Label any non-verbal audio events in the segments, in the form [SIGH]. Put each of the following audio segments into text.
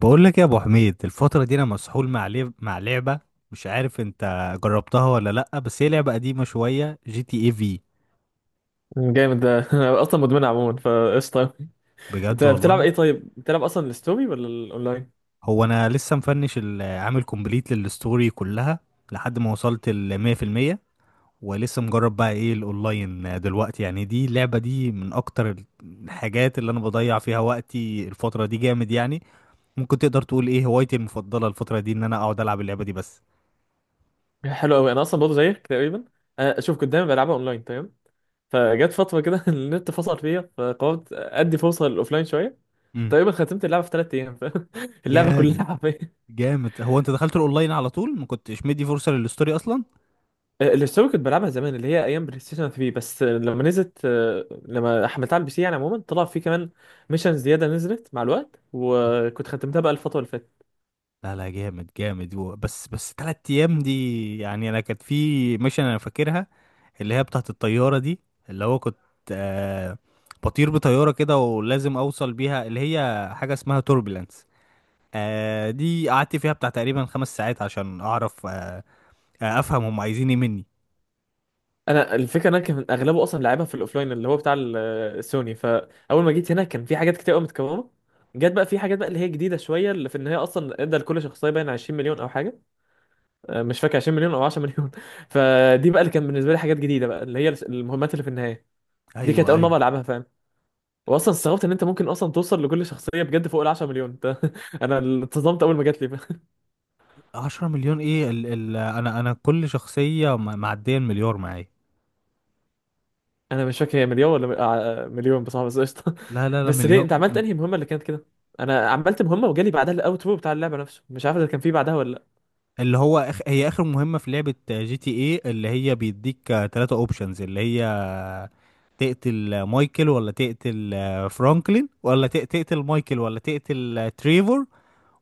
بقول لك يا ابو حميد، الفتره دي انا مسحول مع لعبه. مش عارف انت جربتها ولا لا، بس هي لعبه قديمه شويه، جي تي اي في. جامد ده. [LAUGHS] انا اصلا مدمن عموما فقشطه. انت بجد بتلعب والله. ايه؟ طيب بتلعب اصلا الستوري ولا الاونلاين؟ هو انا لسه مفنش عامل كومبليت للستوري كلها لحد ما وصلت ل 100%. ولسه مجرب بقى ايه الاونلاين دلوقتي، يعني دي اللعبه دي من اكتر الحاجات اللي انا بضيع فيها وقتي الفتره دي، جامد يعني. ممكن تقدر تقول ايه هوايتي المفضله الفتره دي ان انا اقعد العب اللعبه دي بس. حلو قوي، انا اصلا برضه زيك تقريبا. أنا شوف كنت دايما بلعبها اونلاين، تمام. فجت فتره كده [LAUGHS] النت فصل فيا فقررت ادي فرصه للاوفلاين شويه. امم. تقريبا ختمت اللعبه في 3 ايام [LAUGHS] اللعبه جامد كلها حرفيا. جامد. هو انت دخلت الاونلاين على طول؟ ما كنتش مدي فرصه للستوري اصلا؟ الستوري كنت بلعبها زمان اللي هي ايام بلاي ستيشن 3 بس. آه، لما نزلت آه، لما حملتها على البي سي، يعني عموما طلع فيه كمان ميشن زياده نزلت مع الوقت وكنت ختمتها بقى الفتره اللي فاتت. لا لا، جامد جامد، بس 3 ايام دي يعني؟ انا كانت في ميشن انا فاكرها، اللي هي بتاعت الطياره دي، اللي هو كنت، آه بطير بطياره كده ولازم اوصل بيها، اللي هي حاجه اسمها توربulence. دي قعدت فيها بتاع تقريبا 5 ساعات عشان اعرف، افهم هم عايزين ايه مني. انا الفكره إن انا كان اغلبه اصلا لعبها في الاوفلاين اللي هو بتاع السوني، فاول ما جيت هنا كان في حاجات كتير قوي متكرره. جت بقى في حاجات بقى اللي هي جديده شويه، اللي في ان هي اصلا ادى لكل شخصيه باين 20 مليون او حاجه. مش فاكر 20 مليون او 10 مليون. [LAUGHS] فدي بقى اللي كان بالنسبه لي حاجات جديده، بقى اللي هي المهمات اللي في النهايه، دي كانت ايوه اول ايوه. مره العبها، فاهم. واصلا استغربت ان انت ممكن اصلا توصل لكل شخصيه بجد فوق ال 10 مليون. [LAUGHS] انا اتصدمت اول ما جات لي. 10 مليون ايه؟ ال انا كل شخصيه معديه المليار معايا. انا مش فاكر هي مليون ولا مليون بصراحه، بس قشطه. لا لا [LAUGHS] لا، بس ليه مليار. انت عملت انهي مهمه اللي كانت كده؟ انا عملت مهمه وجالي بعدها الاوترو بتاع اللعبه نفسه، مش عارف اذا كان في بعدها ولا لا. اللي هو هي اخر مهمة في لعبة جي تي ايه، اللي هي بيديك 3 اوبشنز، اللي هي تقتل مايكل ولا تقتل فرانكلين، ولا تقتل مايكل، ولا تقتل تريفور،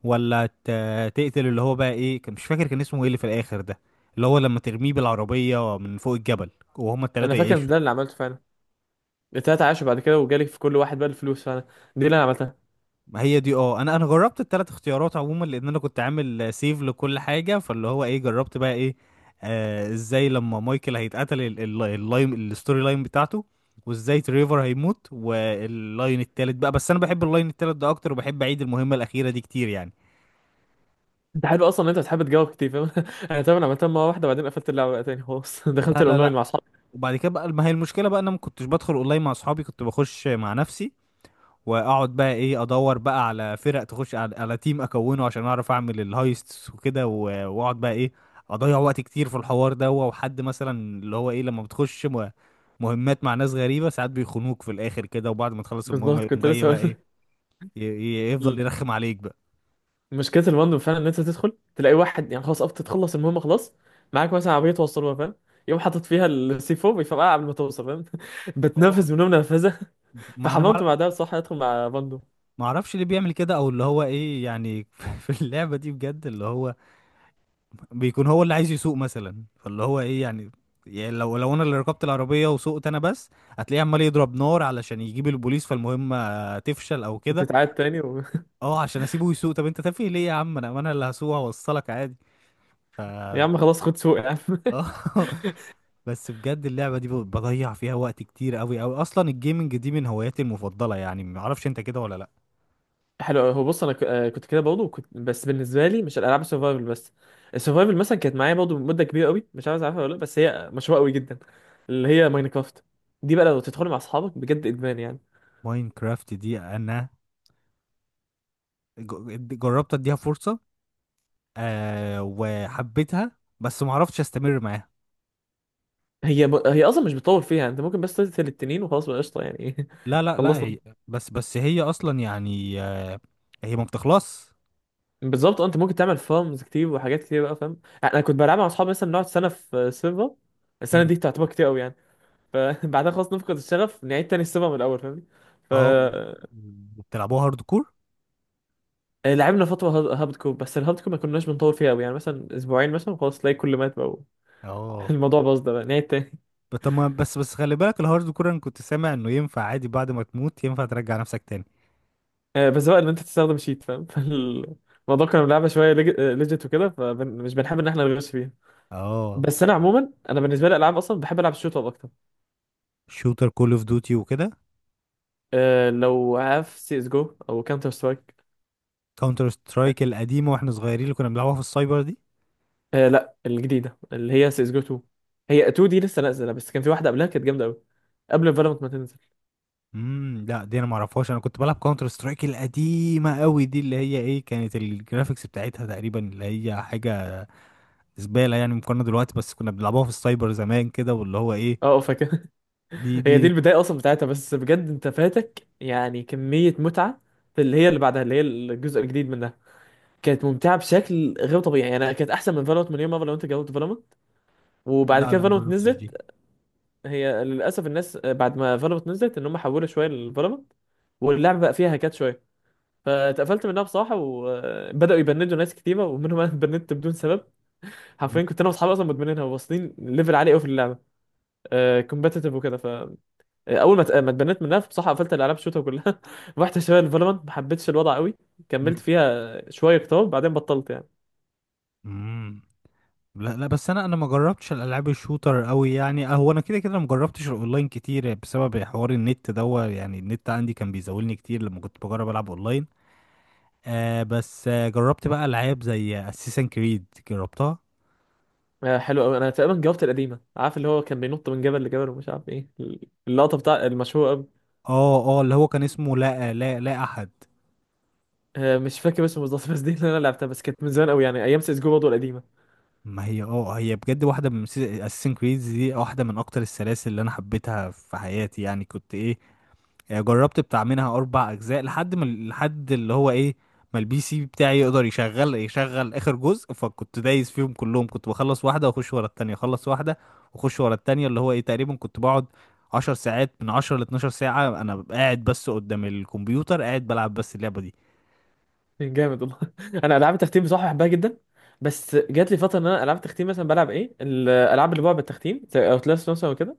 ولا تقتل اللي هو بقى ايه، كان مش فاكر كان اسمه ايه اللي في الاخر ده، اللي هو لما ترميه بالعربية من فوق الجبل وهما انا التلاتة فاكر إن يعيشوا. ده اللي عملته فعلا، التلاته عاشوا بعد كده وجالي في كل واحد بقى الفلوس فعلا، دي اللي انا عملتها. ما هي دي. اه انا جربت الثلاث اختيارات عموما، لان انا كنت عامل سيف لكل حاجه، فاللي هو ايه جربت بقى ايه، ازاي لما مايكل هيتقتل اللاين الستوري لاين بتاعته، وازاي تريفر هيموت واللاين التالت بقى. بس انا بحب اللاين التالت ده اكتر وبحب اعيد المهمه الاخيره دي كتير يعني. انت حلو اصلا ان انت بتحب تجاوب كتير، فاهم. [LAUGHS] انا طبعا عملتها مره واحده وبعدين قفلت اللعبه بقى تاني، خلاص. [LAUGHS] لا دخلت لا الاونلاين لا. مع اصحابي. وبعد كده بقى، ما هي المشكله بقى انا ما كنتش بدخل اونلاين مع اصحابي، كنت بخش مع نفسي واقعد بقى ايه، ادور بقى على فرق تخش على تيم اكونه عشان اعرف اعمل الهايستس وكده، واقعد بقى ايه، اضيع وقت كتير في الحوار ده. وحد مثلا، اللي هو ايه، لما بتخش مهمات مع ناس غريبة ساعات بيخونوك في الاخر كده، وبعد ما تخلص المهمة بالظبط يقوم كنت جاي لسه هقول بقى ايه، لك. يفضل يرخم عليك بقى. مشكله المندوب فعلا ان انت تدخل تلاقي واحد يعني خلاص قفت تخلص المهمه خلاص، معاك مثلا عربيه توصلوها، فاهم. يقوم حاطط فيها السي 4 بيفرقع قبل ما توصل، فاهم. [LAUGHS] اه. بتنفذ منهم نرفزه. [LAUGHS] ما انا ما فحممت أعرف- بعدها بصراحه ادخل مع بندو. ما اعرفش ليه بيعمل كده، او اللي هو ايه يعني، [LAUGHS] في اللعبة دي بجد اللي هو بيكون هو اللي عايز يسوق مثلا، فاللي هو ايه يعني، يعني لو انا اللي ركبت العربيه وسوقت انا بس، هتلاقيه عمال يضرب نار علشان يجيب البوليس، فالمهمه تفشل او كده. بتتعاد تاني. اه، عشان اسيبه يسوق. طب انت تافه ليه يا عم؟ انا اللي هسوق، هوصلك عادي. ف [LAUGHS] يا عم خلاص خد سوق يا عم. [LAUGHS] [LAUGHS] بس بجد اللعبه دي بضيع فيها وقت كتير قوي قوي. اصلا الجيمنج دي من هواياتي المفضله، يعني ما اعرفش انت كده ولا لا. حلو، هو بص انا كنت كده برضه، كنت بس بالنسبه لي مش الالعاب السرفايفل بس. السرفايفل مثلا كانت معايا برضه مده كبيره قوي، مش عارف عارفها ولا لا بس هي مشهوره قوي جدا، اللي هي ماينكرافت. دي بقى لو تدخل مع اصحابك بجد ادمان يعني. ماينكرافت دي انا جربت اديها فرصه، وحبيتها. بس ما عرفتش استمر معاها. هي اصلا مش بتطول فيها، انت ممكن بس تقتل التنين وخلاص بقى قشطه يعني. لا [LAUGHS] لا لا، خلصنا. هي بس هي اصلا يعني، هي ما بتخلص. بالظبط، انت ممكن تعمل فارمز كتير وحاجات كتير بقى، فاهم. انا كنت بلعب مع اصحابي مثلا نقعد سنه في سيرفر، السنه مم. دي تعتبر كتير قوي يعني. فبعدها [LAUGHS] خلاص نفقد الشغف نعيد تاني السيرفر من الاول، فاهمني. ف اه. بتلعبوها هارد كور؟ آه، لعبنا فتره هابد كور، بس الهابد كور ما كناش بنطول فيها قوي، يعني مثلا اسبوعين مثلا خلاص تلاقي كل مات بقى [LAUGHS] اه، الموضوع باظ ده بقى نعيد تاني. طب ما- بس خلي بالك الهارد كور انا كنت سامع انه ينفع عادي، بعد ما تموت ينفع ترجع نفسك تاني. [LAUGHS] بس بقى ان انت تستخدم شيت، فاهم. [LAUGHS] فالموضوع كنا بنلعبها شويه ليجيت وكده فمش بنحب ان احنا نغش فيها. اه، بس انا عموما انا بالنسبه لي الالعاب اصلا بحب العب الشوت اب اكتر. شوتر، كول اوف ديوتي وكده؟ أه، لو عارف سي اس جو او كاونتر سترايك. كاونتر سترايك القديمه واحنا صغيرين، اللي كنا بنلعبها في السايبر دي؟ أه، لا، الجديده اللي هي سي اس جو 2. هي 2 دي لسه نازله، بس كان في واحده قبلها كانت جامده قوي قبل فالورانت ما تنزل. امم، لا، دي انا ما اعرفهاش. انا كنت بلعب كاونتر سترايك القديمه قوي دي، اللي هي ايه، كانت الجرافيكس بتاعتها تقريبا اللي هي حاجه زباله يعني مقارنه دلوقتي، بس كنا بنلعبوها في السايبر زمان كده. واللي هو ايه اه، فاكر. [LAUGHS] دي هي دي دي البدايه اصلا بتاعتها، بس بجد انت فاتك يعني كميه متعه في اللي هي اللي بعدها اللي هي الجزء الجديد منها، كانت ممتعه بشكل غير طبيعي يعني، أنا كانت احسن من فالورانت مليون مره لو انت جربت فالورانت. وبعد لا كده لا، ما فالورانت جربتش دي. نزلت. هي للاسف الناس بعد ما فالورانت نزلت ان هم حولوا شويه لفالورانت، واللعبه بقى فيها هكات شويه، فاتقفلت منها بصراحه وبداوا يبندوا ناس كتيره ومنهم انا اتبندت بدون سبب. مم، حرفيا كنت انا واصحابي اصلا مدمنينها وواصلين ليفل عالي قوي في اللعبه كومبتيتيف وكده، ف آه، اول ما ت- آه، ما اتبنيت منها بصراحه قفلت الالعاب شوتها كلها. [LAUGHS] رحت شويه لفالورانت ما حبيتش الوضع قوي، كملت مم، فيها شويه كتار بعدين بطلت يعني. مم. لا لا، بس انا ما جربتش الالعاب الشوتر قوي يعني. هو انا كده كده ما جربتش الاونلاين كتير بسبب حوار النت دوا يعني، النت عندي كان بيزولني كتير لما كنت بجرب العب اونلاين. بس جربت بقى العاب زي اساسن كريد، جربتها. حلو قوي، انا تقريبا جاوبت القديمه، عارف اللي هو كان بينط من جبل لجبل ومش عارف ايه، اللقطه بتاع المشهوره. اه اه، اللي هو كان اسمه لا لا لا احد. مش فاكر اسمه بالظبط بس دي اللي انا لعبتها، بس كانت من زمان قوي يعني ايام سيس جو برضه القديمه. ما هي هي بجد واحدة من اساسن كريد دي، واحدة من اكتر السلاسل اللي انا حبيتها في حياتي، يعني كنت ايه، يعني جربت بتاع منها 4 اجزاء لحد ما اللي هو ايه ما البي سي بتاعي يقدر يشغل اخر جزء. فكنت دايس فيهم كلهم، كنت بخلص واحدة واخش ورا التانية، اخلص واحدة واخش ورا التانية. اللي هو ايه، تقريبا كنت بقعد 10 ساعات، من 10 لـ 12 ساعة، انا قاعد بس قدام الكمبيوتر قاعد بلعب بس اللعبة دي. جامد والله. [LAUGHS] انا العاب التختيم بصراحه بحبها جدا، بس جات لي فتره ان انا العاب التختيم مثلا بلعب ايه الالعاب اللي بقى بالتختيم زي اوتلاست مثلا وكده.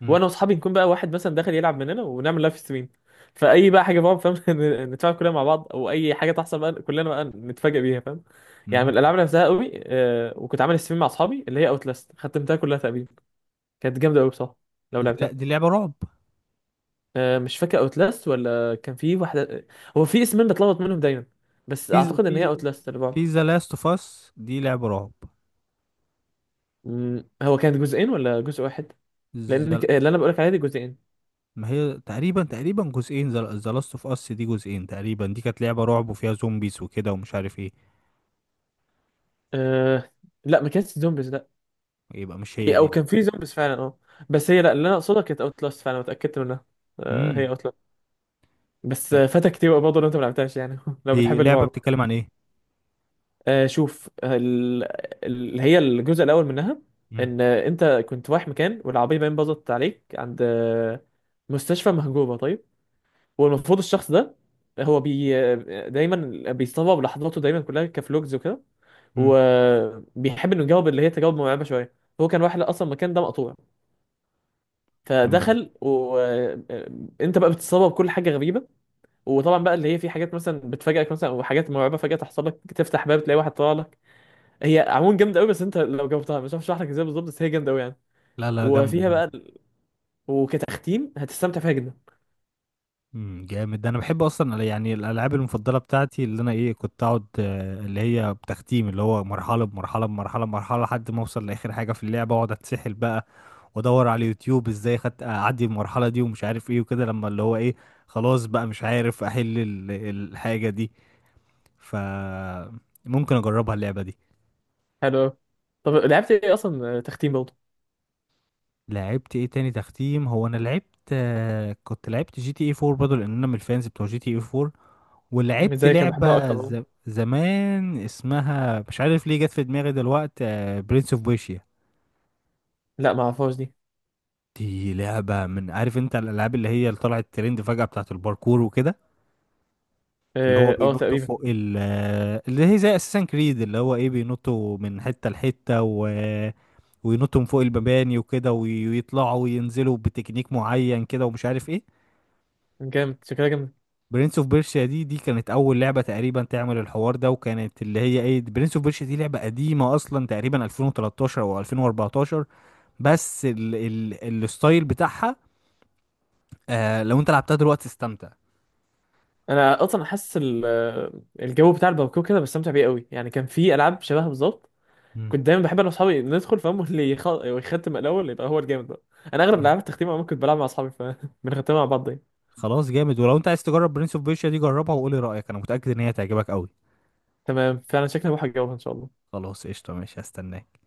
مم. وانا واصحابي نكون بقى واحد مثلا داخل يلعب مننا ونعمل لايف ستريم، فاي بقى حاجه بقى، فاهم. [LAUGHS] نتفاعل كلنا مع بعض، او اي حاجه تحصل بقى كلنا بقى نتفاجئ بيها، فاهم. يعني مم. من الالعاب اللي لعبتها قوي وكنت عامل ستريم مع اصحابي اللي هي اوتلاست ختمتها كلها تقريبا، كانت جامده قوي بصراحه لو لا، دي لعبتها. لعبة رعب. مش فاكر اوتلاست ولا كان في واحده، هو في اسمين بتلخبط منهم دايما، بس في اعتقد ان هي في اوتلاست اللي بعض. في ذا لاست اوف اس دي لعبة رعب. هو كانت جزئين ولا جزء واحد؟ لان The- اللي انا بقولك عليه دي جزئين. ما هي تقريبا تقريبا جزئين، ذا لاست اوف اس دي جزئين تقريبا، دي كانت لعبة رعب وفيها زومبيز وكده ومش عارف ايه. أه... لا، ما كانتش زومبيز، لا. يبقى مش هي او دي. كان في زومبيز فعلا، اه. بس هي، لا، اللي انا اقصدها كانت اوتلاست فعلا واتاكدت منها. امم هي اوتلاست. بس فاتك كتير بقى برضه لو انت ما لعبتهاش يعني. [LAUGHS] لو دي بتحب لعبة الرعب. بتتكلم عن ايه؟ شوف اللي هي الجزء الاول منها، امم. ان انت كنت رايح مكان والعربيه باين باظت عليك عند مستشفى مهجوره، طيب. والمفروض الشخص ده هو بي آه، دايما بيصور لحظاته دايما كلها كفلوجز وكده، امم. وبيحب انه يجاوب اللي هي تجاوب مرعبه شويه. هو كان رايح اصلا المكان ده مقطوع، تمام. فدخل وانت بقى بتتصور بكل حاجه غريبه. وطبعا بقى اللي هي في حاجات مثلا بتفاجئك مثلا وحاجات مرعبه فجاه تحصل لك، تفتح باب تلاقي واحد طالع لك. هي عموما جامده قوي، بس انت لو جاوبتها مش عارف اشرح لك ازاي بالظبط بس هي جامده قوي يعني. لا لا، جامدة وفيها بقى جامدة. وكتختيم هتستمتع فيها جدا. امم، جامد ده. انا بحب اصلا يعني الالعاب المفضلة بتاعتي، اللي انا ايه كنت اقعد، اللي هي بتختيم، اللي هو مرحلة بمرحلة بمرحلة بمرحلة لحد ما اوصل لاخر حاجة في اللعبة واقعد اتسحل بقى. وادور على اليوتيوب ازاي خدت اعدي المرحله دي ومش عارف ايه وكده، لما اللي هو ايه خلاص بقى مش عارف احل الحاجه دي. ف ممكن اجربها اللعبه دي. حلو قوي، طب لعبت ايه اصلا، تختيم برضه؟ لعبت ايه تاني تختيم؟ هو انا لعبت، كنت لعبت جي تي اي 4 برضه لان انا من الفانز بتوع جي تي اي 4. مش ولعبت زي كان بحبها لعبه اكتر عموما. زمان اسمها مش عارف ليه جت في دماغي دلوقتي، برنس اوف بيشيا. لا ما اعرفهاش دي. دي لعبه، من عارف انت الالعاب اللي هي اللي طلعت ترند فجاه بتاعت الباركور وكده، اللي هو اه، بينط تقريبا. فوق اللي هي زي اساسن كريد، اللي هو ايه بينطوا من حته لحته وينطوا من فوق المباني وكده ويطلعوا وينزلوا بتكنيك معين كده ومش عارف ايه. جامد شكلها جامد. برنس اوف بيرشيا دي كانت اول لعبه تقريبا تعمل الحوار ده، وكانت اللي هي ايه، برنس اوف بيرشيا دي لعبه قديمه اصلا تقريبا 2013 او 2014. بس الستايل بتاعها، لو انت لعبتها دلوقتي استمتع. انا اصلا حاسس الجو بتاع الباركور كده بستمتع بيه قوي يعني، كان في العاب شبهها بالظبط، كنت دايما بحب انا واصحابي ندخل، فاهم، اللي يختم الاول يبقى هو الجامد بقى. انا اغلب مم. العاب التختيم عموما كنت بلعب مع اصحابي فبنختمها [LAUGHS] مع بعض يعني. خلاص جامد. ولو انت عايز تجرب برنس اوف بيرشيا دي جربها وقولي رأيك، انا متأكد ان هي تعجبك قوي. تمام، فعلا شكلها بروح الجو ان شاء الله. خلاص قشطة، ماشي، هستناك.